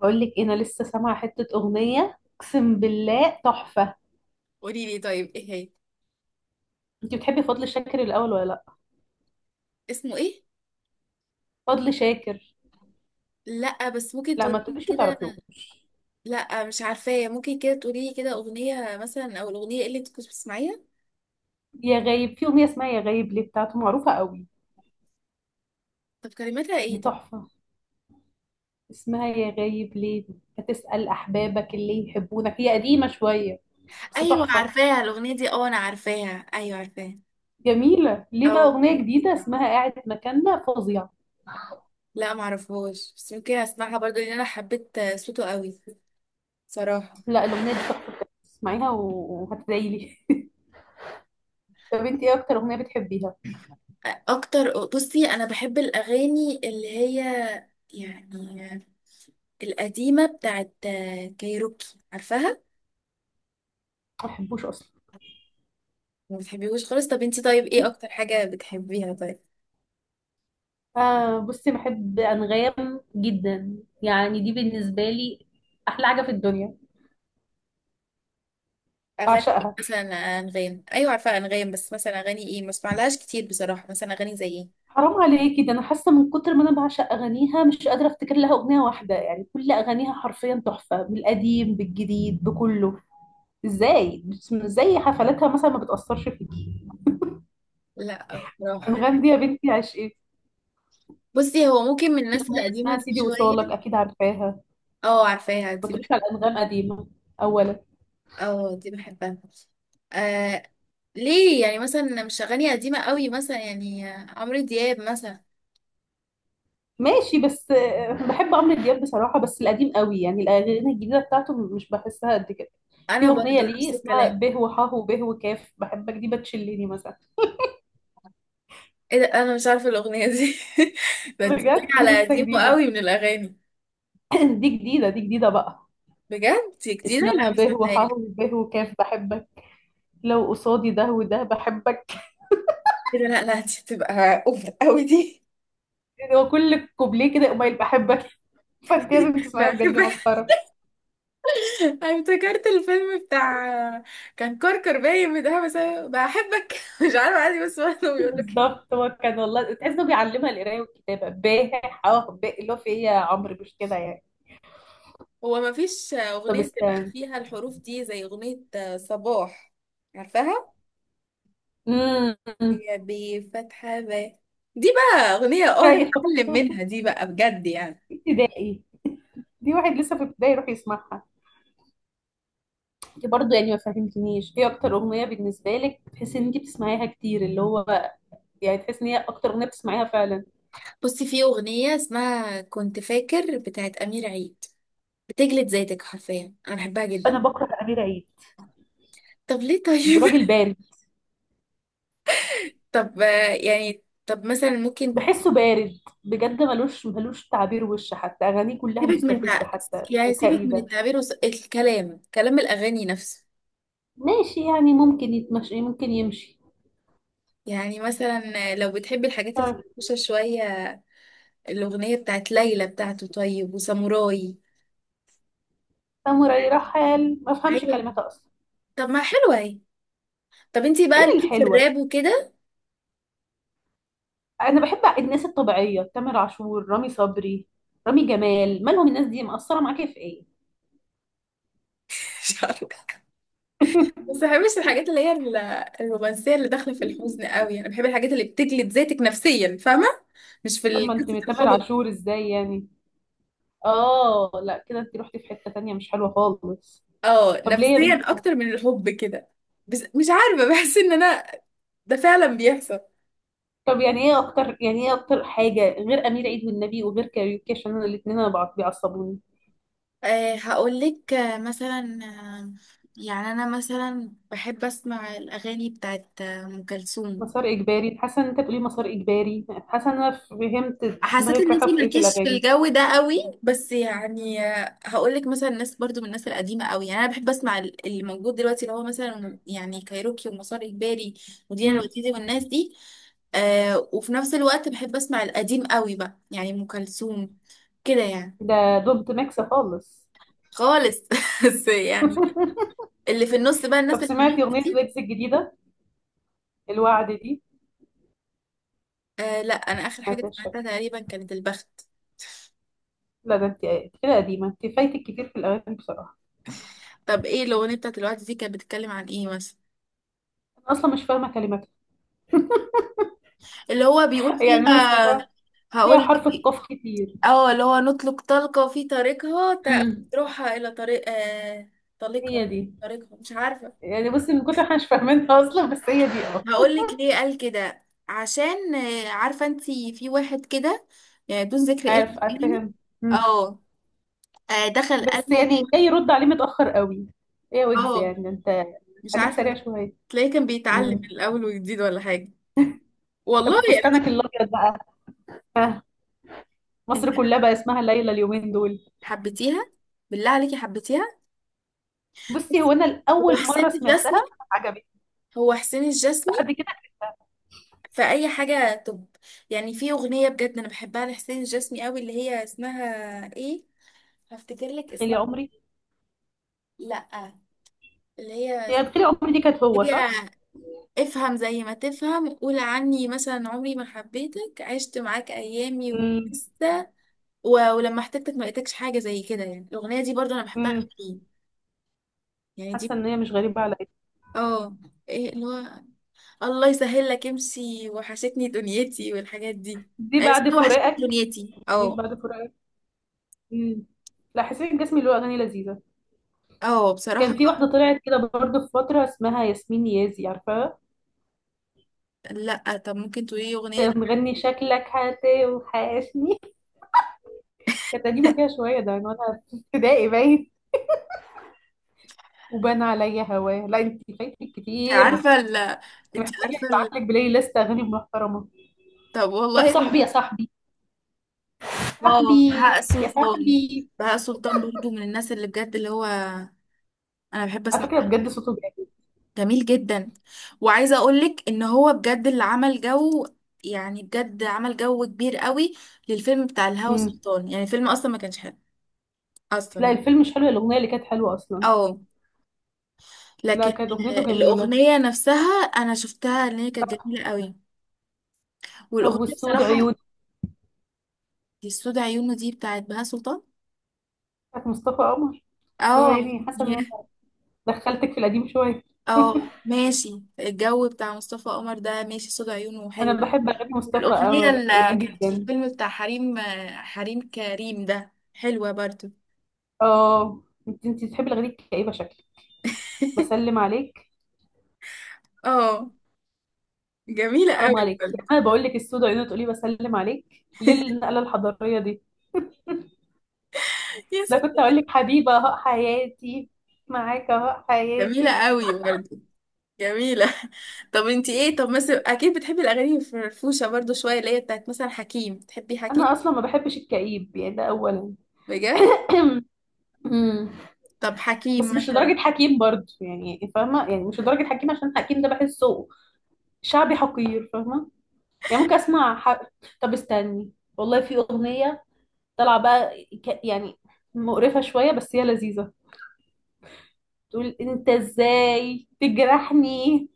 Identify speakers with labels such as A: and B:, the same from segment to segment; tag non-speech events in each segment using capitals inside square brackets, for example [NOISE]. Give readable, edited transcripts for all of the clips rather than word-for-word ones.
A: بقول لك انا لسه سامعه حته اغنيه اقسم بالله تحفه.
B: قولي لي طيب، ايه هي؟
A: انت بتحبي فضل شاكر الاول ولا لا؟
B: اسمه ايه؟
A: فضل شاكر.
B: لا، بس ممكن
A: لا ما
B: تقولي لي
A: تقوليش ما
B: كده.
A: تعرفيهوش.
B: لا، مش عارفاه، ممكن كده تقولي لي كده اغنيه مثلا، او الاغنيه إيه اللي انت كنت بتسمعيها.
A: يا غايب، في اغنيه اسمها يا غايب ليه بتاعته، معروفه قوي.
B: طب كلماتها
A: دي
B: ايه طب؟
A: تحفه. اسمها يا غايب ليه. هتسال احبابك اللي يحبونك. هي قديمه شويه بس
B: ايوه،
A: تحفه.
B: عارفاها الاغنيه دي، اه انا عارفاها، ايوه عارفاها.
A: جميله. ليه بقى
B: او
A: اغنيه جديده اسمها قاعد مكاننا، فظيعه.
B: لا معرفهاش، بس ممكن اسمعها برضو لان انا حبيت صوته قوي، صراحه.
A: لا الاغنيه دي تحفه بجد. اسمعيها وهتدعيلي [LAUGHS] طب انت ايه اكتر اغنيه بتحبيها؟
B: اكتر؟ بصي انا بحب الاغاني اللي هي يعني القديمه بتاعت كايروكي، عارفاها.
A: ما بحبوش اصلا.
B: ما بتحبيهوش خالص؟ طب انتي طيب، ايه اكتر حاجة بتحبيها طيب؟
A: آه، بصي، بحب أنغام جدا. يعني دي بالنسبة لي أحلى حاجة في الدنيا،
B: اغاني إيه؟
A: بعشقها.
B: مثلا؟ انغام، ايوه عارفة انغام، بس مثلا اغاني ايه؟ ما اسمعلهاش كتير بصراحة، مثلا اغاني زي ايه؟
A: حرام عليكي، ده أنا حاسة من كتر ما أنا بعشق أغانيها مش قادرة أفتكر لها أغنية واحدة. يعني كل أغانيها حرفيا تحفة، بالقديم بالجديد بكله. إزاي إزاي حفلاتها مثلا ما بتأثرش فيكي؟
B: لا بصراحة.
A: أنغام دي يا بنتي عشقي.
B: بصي هو ممكن من
A: في
B: الناس
A: أغنية
B: القديمة
A: اسمها
B: دي
A: سيدي وصالك،
B: شوية.
A: أكيد عارفاها.
B: اه عارفاها
A: ما
B: دي
A: تقوليش على أنغام قديمة أولا.
B: اه دي بحبها. آه. ليه؟ يعني مثلا مش اغاني قديمة قوي، مثلا يعني عمرو دياب مثلا.
A: ماشي بس آه، بحب عمرو دياب بصراحة، بس القديم قوي. يعني الأغاني الجديدة بتاعته مش بحسها قد كده.
B: انا
A: في أغنية
B: برضو
A: ليه
B: نفس
A: اسمها
B: الكلام.
A: به وحاه وبه وكاف بحبك، دي بتشلني مثلا.
B: ايه ده؟ انا مش عارفة الاغنية دي. [LAUGHS] ده انت
A: بجد دي
B: على
A: لسه
B: قديمه
A: جديدة.
B: قوي من الاغاني.
A: [CLEARS THROAT] دي جديدة، دي جديدة بقى.
B: بجد دي جديدة؟ لا
A: اسمها
B: ما
A: به
B: سمعتهاش.
A: وحاه وبه وكاف بحبك. لو قصادي ده وده بحبك.
B: كده؟ لا لا، دي هتبقى اوفر قوي دي.
A: يعني هو كل كوبليه كده قبيل بحبك. [LAUGHS] فانت لازم تسمعيها
B: بحب.
A: بجد، دي مسخرة.
B: [LAUGHS] أنا افتكرت الفيلم بتاع كان كركر باين بتاع بس أنا بحبك. [LAUGHS] مش عارفه، عادي، بس هو كانوا بيقولوا كده.
A: بالظبط، هو كان والله تحس انه بيعلمها القراية والكتابة. به حاه به اللي هو في ايه يا عمرو، مش كده يعني؟
B: هو ما فيش
A: طب
B: اغنيه بتبقى
A: استنى.
B: فيها الحروف دي زي اغنيه صباح، عارفاها؟
A: امم [LAUGHS]
B: هي بفتحة ب. دي بقى اغنيه اه
A: ايوه.
B: نتعلم منها، دي بقى بجد يعني.
A: ابتدائي. دي واحد لسه في ابتدائي يروح يسمعها. انت برضه يعني ما فهمتنيش ايه اكتر اغنيه بالنسبه لك تحسي ان انت بتسمعيها كتير، اللي هو يعني تحسي ان هي اكتر اغنيه بتسمعيها فعلا.
B: بصي، في اغنيه اسمها كنت فاكر بتاعت امير عيد، بتجلد ذاتك حرفيا، انا بحبها
A: انا
B: جدا.
A: بكره امير عيد.
B: طب ليه طيب؟ [LAUGHS]
A: راجل بارد.
B: طب يعني، طب مثلا ممكن
A: بحسه بارد بجد، ملوش ملوش تعبير وش، حتى اغانيه كلها
B: سيبك من
A: مستفزه
B: تع-
A: حتى
B: يعني سيبك من
A: وكئيبه.
B: التعبير الكلام، كلام الأغاني نفسه.
A: ماشي، يعني ممكن يتمشي، ممكن يمشي.
B: يعني مثلا لو بتحبي الحاجات
A: آه،
B: الفرفوشة شوية، الأغنية بتاعت ليلى بتاعته، طيب، وساموراي.
A: ساموراي رحل ما افهمش
B: ايوه.
A: كلماتها اصلا.
B: طب ما حلوة اهي. طب انتي
A: فين
B: بقى ليكي في
A: الحلوه؟
B: الراب وكده؟
A: انا بحب الناس الطبيعيه، تامر عاشور، رامي صبري، رامي جمال. مالهم الناس دي؟ مقصره معاكي في ايه؟
B: [LAUGHS] مش عارفة. بس ما بحبش
A: [LAUGHS]
B: الحاجات اللي هي الرومانسية اللي داخلة في الحزن قوي، انا بحب الحاجات اللي بتجلد ذاتك نفسيا، فاهمة؟ مش
A: طب
B: في
A: ما انت
B: قصة
A: من تامر
B: الحب.
A: عاشور ازاي يعني؟ اه لا كده انت رحتي في حته تانية مش حلوه خالص.
B: اه،
A: طب ليه يا
B: نفسيا
A: بنتي كده؟
B: اكتر من الحب كده. بس مش عارفة، بحس ان انا ده فعلا بيحصل.
A: طب يعني ايه اكتر، حاجه غير امير عيد والنبي وغير كاريوكي؟ عشان انا الاثنين انا بيعصبوني.
B: أه هقولك، مثلا، يعني أنا مثلا بحب أسمع الأغاني بتاعت أم كلثوم.
A: مسار اجباري. حاسه ان انت بتقولي مسار اجباري. حاسه ان انا فهمت
B: حسيت
A: دماغك
B: ان
A: رايحه
B: انتي
A: في ايه في
B: مالكيش في
A: الاغاني.
B: الجو ده قوي، بس يعني هقول لك مثلا ناس برضو من الناس القديمه قوي، يعني انا بحب اسمع اللي موجود دلوقتي، اللي هو مثلا يعني كايروكي ومسار اجباري ودينا
A: امم.
B: الوتيدي والناس دي. وفي نفس الوقت بحب اسمع القديم قوي بقى، يعني ام كلثوم كده يعني.
A: ده دونت ميكس خالص.
B: خالص. [LAUGHS] بس يعني اللي في النص بقى، الناس
A: طب
B: اللي في النص
A: سمعتي اغنيه
B: دي.
A: ويجز الجديده، الوعد دي؟
B: آه لا، انا اخر حاجه
A: سمعتهاش شكل.
B: سمعتها تقريبا كانت البخت.
A: لا ده انت كده قديمه، انت فايتك كتير في الاغاني بصراحه.
B: طب ايه الاغنيه بتاعت الوقت دي كانت بتتكلم عن ايه مثلا؟
A: انا اصلا مش فاهمه كلماتها.
B: اللي هو بيقول
A: [LAUGHS] يعني انا
B: فيها؟
A: سمعتها، فيها
B: هقول لك،
A: حرف القاف كتير.
B: اه اللي هو نطلق طلقة في طريقها
A: امم،
B: تروحها إلى طريق طليقها،
A: هي دي.
B: طريقها، مش عارفة.
A: يعني بصي من كتر احنا مش فاهمينها اصلا، بس هي دي اه.
B: هقول لك ليه قال كده، عشان عارفة انتي، في واحد كده يعني، دون ذكر اسم
A: عارف عارف
B: يعني.
A: فاهم. مم.
B: اه. دخل
A: بس
B: قالهم.
A: يعني جاي يرد عليه متاخر قوي. ايه ويجز
B: اه
A: يعني، انت
B: مش
A: خليك
B: عارفة،
A: سريع شويه.
B: تلاقيه كان بيتعلم من
A: مم.
B: الأول وجديد ولا حاجة. والله
A: طب
B: أنا مش...
A: فستانك الابيض بقى،
B: انت
A: مصر كلها بقى اسمها ليلى اليومين دول.
B: حبيتيها؟ بالله عليكي حبيتيها؟
A: بصي هو
B: بصي
A: انا
B: هو
A: الاول مره
B: حسين الجسمي،
A: سمعتها، عجبتني.
B: هو حسين
A: بعد
B: الجسمي.
A: كده
B: فأي حاجة طب، يعني في أغنية بجد أنا بحبها لحسين الجسمي قوي، اللي هي اسمها إيه؟ هفتكر لك
A: تخيلي
B: اسمها.
A: عمري.
B: لأ، اللي هي
A: هي بخيل عمري دي كانت هو،
B: اللي هي
A: صح؟
B: افهم زي ما تفهم، قول عني، مثلا عمري ما حبيتك، عشت معاك أيامي
A: امم.
B: ولسه و... ولما احتجتك ما لقيتكش، حاجة زي كده يعني. الأغنية دي برضو أنا بحبها
A: امم.
B: قوي، يعني دي.
A: حاسه ان هي مش غريبه عليا.
B: اه، إيه اللي هو الله يسهل لك امشي، وحشتني دنيتي، والحاجات دي.
A: دي بعد
B: وحشتني
A: فراقك.
B: دنيتي
A: جميل
B: اه.
A: بعد فراقك. امم. لا حسين الجسمي له اغاني لذيذه.
B: اه بصراحة.
A: كان في واحده طلعت كده برضه في فتره اسمها ياسمين نيازي، عارفاها؟
B: لا طب ممكن تقولي لي اغنيه
A: كانت
B: لي.
A: مغني شكلك هاتي وحاشني. كانت قديمه كده شويه، ده من وانا في ابتدائي باين. وبان عليا هواه. لا انت فايتك
B: انت
A: كتير.
B: عارفه ال
A: انت
B: انت
A: محتاجه
B: عارفه
A: ابعت
B: ال...
A: لك بلاي ليست اغاني محترمه.
B: طب
A: طب
B: والله.
A: صاحبي يا
B: [LAUGHS]
A: صاحبي.
B: اه
A: صاحبي
B: بهاء
A: يا
B: سلطان،
A: صاحبي.
B: بهاء سلطان برضو من الناس اللي بجد اللي هو انا بحب
A: على
B: اسمع،
A: فكره بجد صوته
B: جميل جدا. وعايزه اقولك ان هو بجد اللي عمل جو، يعني بجد عمل جو كبير قوي للفيلم بتاع الهوى
A: جامد.
B: سلطان، يعني الفيلم اصلا ما كانش حلو اصلا
A: لا
B: يعني.
A: الفيلم مش حلو، الأغنية اللي كانت حلوة أصلا.
B: اه.
A: لا
B: لكن
A: كانت أغنيته جميلة.
B: الاغنيه نفسها انا شفتها ان هي كانت جميله قوي.
A: طب
B: والاغنيه
A: والسود
B: بصراحه
A: عيون؟
B: دي، السود عيونه دي بتاعت بهاء سلطان.
A: بتاعت مصطفى قمر. بس
B: اه
A: يعني حاسة إن أنا
B: يعني-
A: دخلتك في القديم شوية. [LAUGHS]
B: اه ماشي، الجو بتاع مصطفى قمر ده ماشي، صوت عيونه حلو.
A: أنا بحب أغاني مصطفى
B: الأغنية
A: قمر
B: اللي كانت في
A: جدا.
B: الفيلم بتاع حريم، حريم كريم، ده حلوة برضو.
A: اه انت بتحبي الأغاني الكئيبة شكل. بسلم
B: [LAUGHS]
A: عليك.
B: اه جميلة
A: حرام
B: قوي
A: عليك.
B: برضو.
A: أنا بقول لك السود عيون تقولي بسلم عليك، ليه النقلة الحضارية دي؟
B: يا
A: ده كنت
B: ست،
A: أقول لك حبيبة أهو حياتي. معاك أهو
B: جميلة
A: حياتي.
B: قوي برضو، جميلة. [LAUGHS] طب انتي ايه طب مثلا، اكيد بتحبي الاغاني الفرفوشة برضو شوية، اللي هي بتاعت مثلا حكيم، بتحبي حكيم؟
A: أنا أصلا ما بحبش الكئيب يعني ده أولا.
B: بجد؟
A: [CLEARS THROAT]
B: طب حكيم
A: بس مش
B: مثلا.
A: لدرجة حكيم برضه، يعني فاهمة؟ يعني مش لدرجة حكيم، عشان حكيم ده بحسه شعبي حقير، فاهمة؟ يعني ممكن أسمع طب استني. والله في أغنية طالعة بقى، يعني مقرفة شوية بس هي لذيذة. تقول أنت إزاي تجرحني،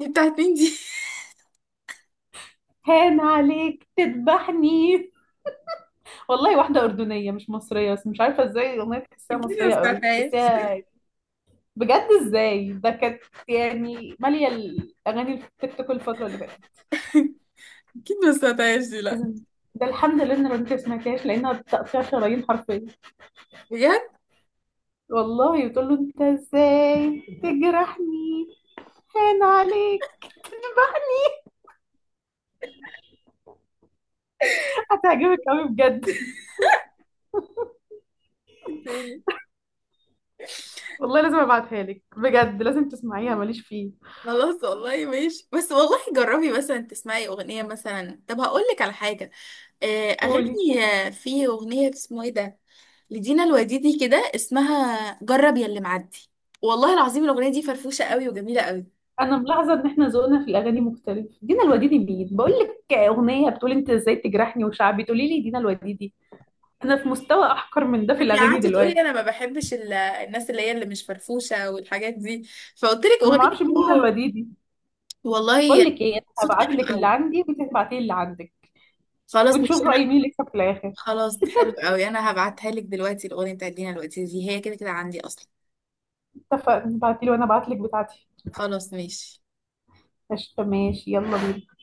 B: دي بتاعت مين دي؟ [LAUGHS]
A: هان عليك تذبحني. والله واحدة أردنية مش مصرية، بس مش عارفة إزاي الأغنية تحسيها
B: اكيد ما
A: مصرية قوي،
B: سمعتهاش.
A: تحسيها بجد إزاي. ده كانت يعني مالية الأغاني التيك توك الفترة اللي فاتت.
B: اكيد ما سمعتهاش دي، لا.
A: إذن ده الحمد لله ان بنتي ما سمعتهاش لانها تقطيع شرايين حرفيا.
B: بجد؟
A: والله بتقول له انت ازاي تجرحني هان عليك. هتعجبك قوي بجد.
B: تاني؟
A: والله لازم ابعتها لك بجد، لازم تسمعيها. ماليش فيه.
B: خلاص، والله ماشي، بس والله جربي مثلا تسمعي اغنيه مثلا. طب هقول لك على حاجه،
A: قولي.
B: اغاني، في اغنيه اسمه ايه ده لدينا الوديدي كده، اسمها جرب يا اللي معدي. والله العظيم الاغنيه دي فرفوشه قوي، وجميله قوي.
A: انا ملاحظه ان احنا ذوقنا في الاغاني مختلف. دينا الوديدي مين؟ بقول لك اغنيه بتقول انت ازاي تجرحني وشعبي، تقولي لي دينا الوديدي. انا في مستوى احقر من ده في
B: انت
A: الاغاني
B: قعدتي تقولي
A: دلوقتي.
B: انا ما بحبش الناس اللي هي اللي مش فرفوشه والحاجات دي، فقلت لك
A: انا ما اعرفش
B: اغنيه،
A: مين دينا
B: أوه،
A: الوديدي. بقول
B: والله.
A: لك ايه، انا
B: صوتها
A: هبعت
B: حلو
A: لك اللي
B: قوي.
A: عندي وانت تبعتي لي اللي عندك،
B: خلاص، مش
A: ونشوف
B: انا.
A: رأي مين اللي يكسب في الآخر.
B: خلاص حلو قوي، انا هبعتها لك دلوقتي. الاغنيه بتاعت لينا الوديدي دي هي كده كده عندي اصلا.
A: اتفقنا، ابعتيلي وانا ابعتلك بتاعتي.
B: خلاص ماشي.
A: قشطة ماشي، يلا بينا.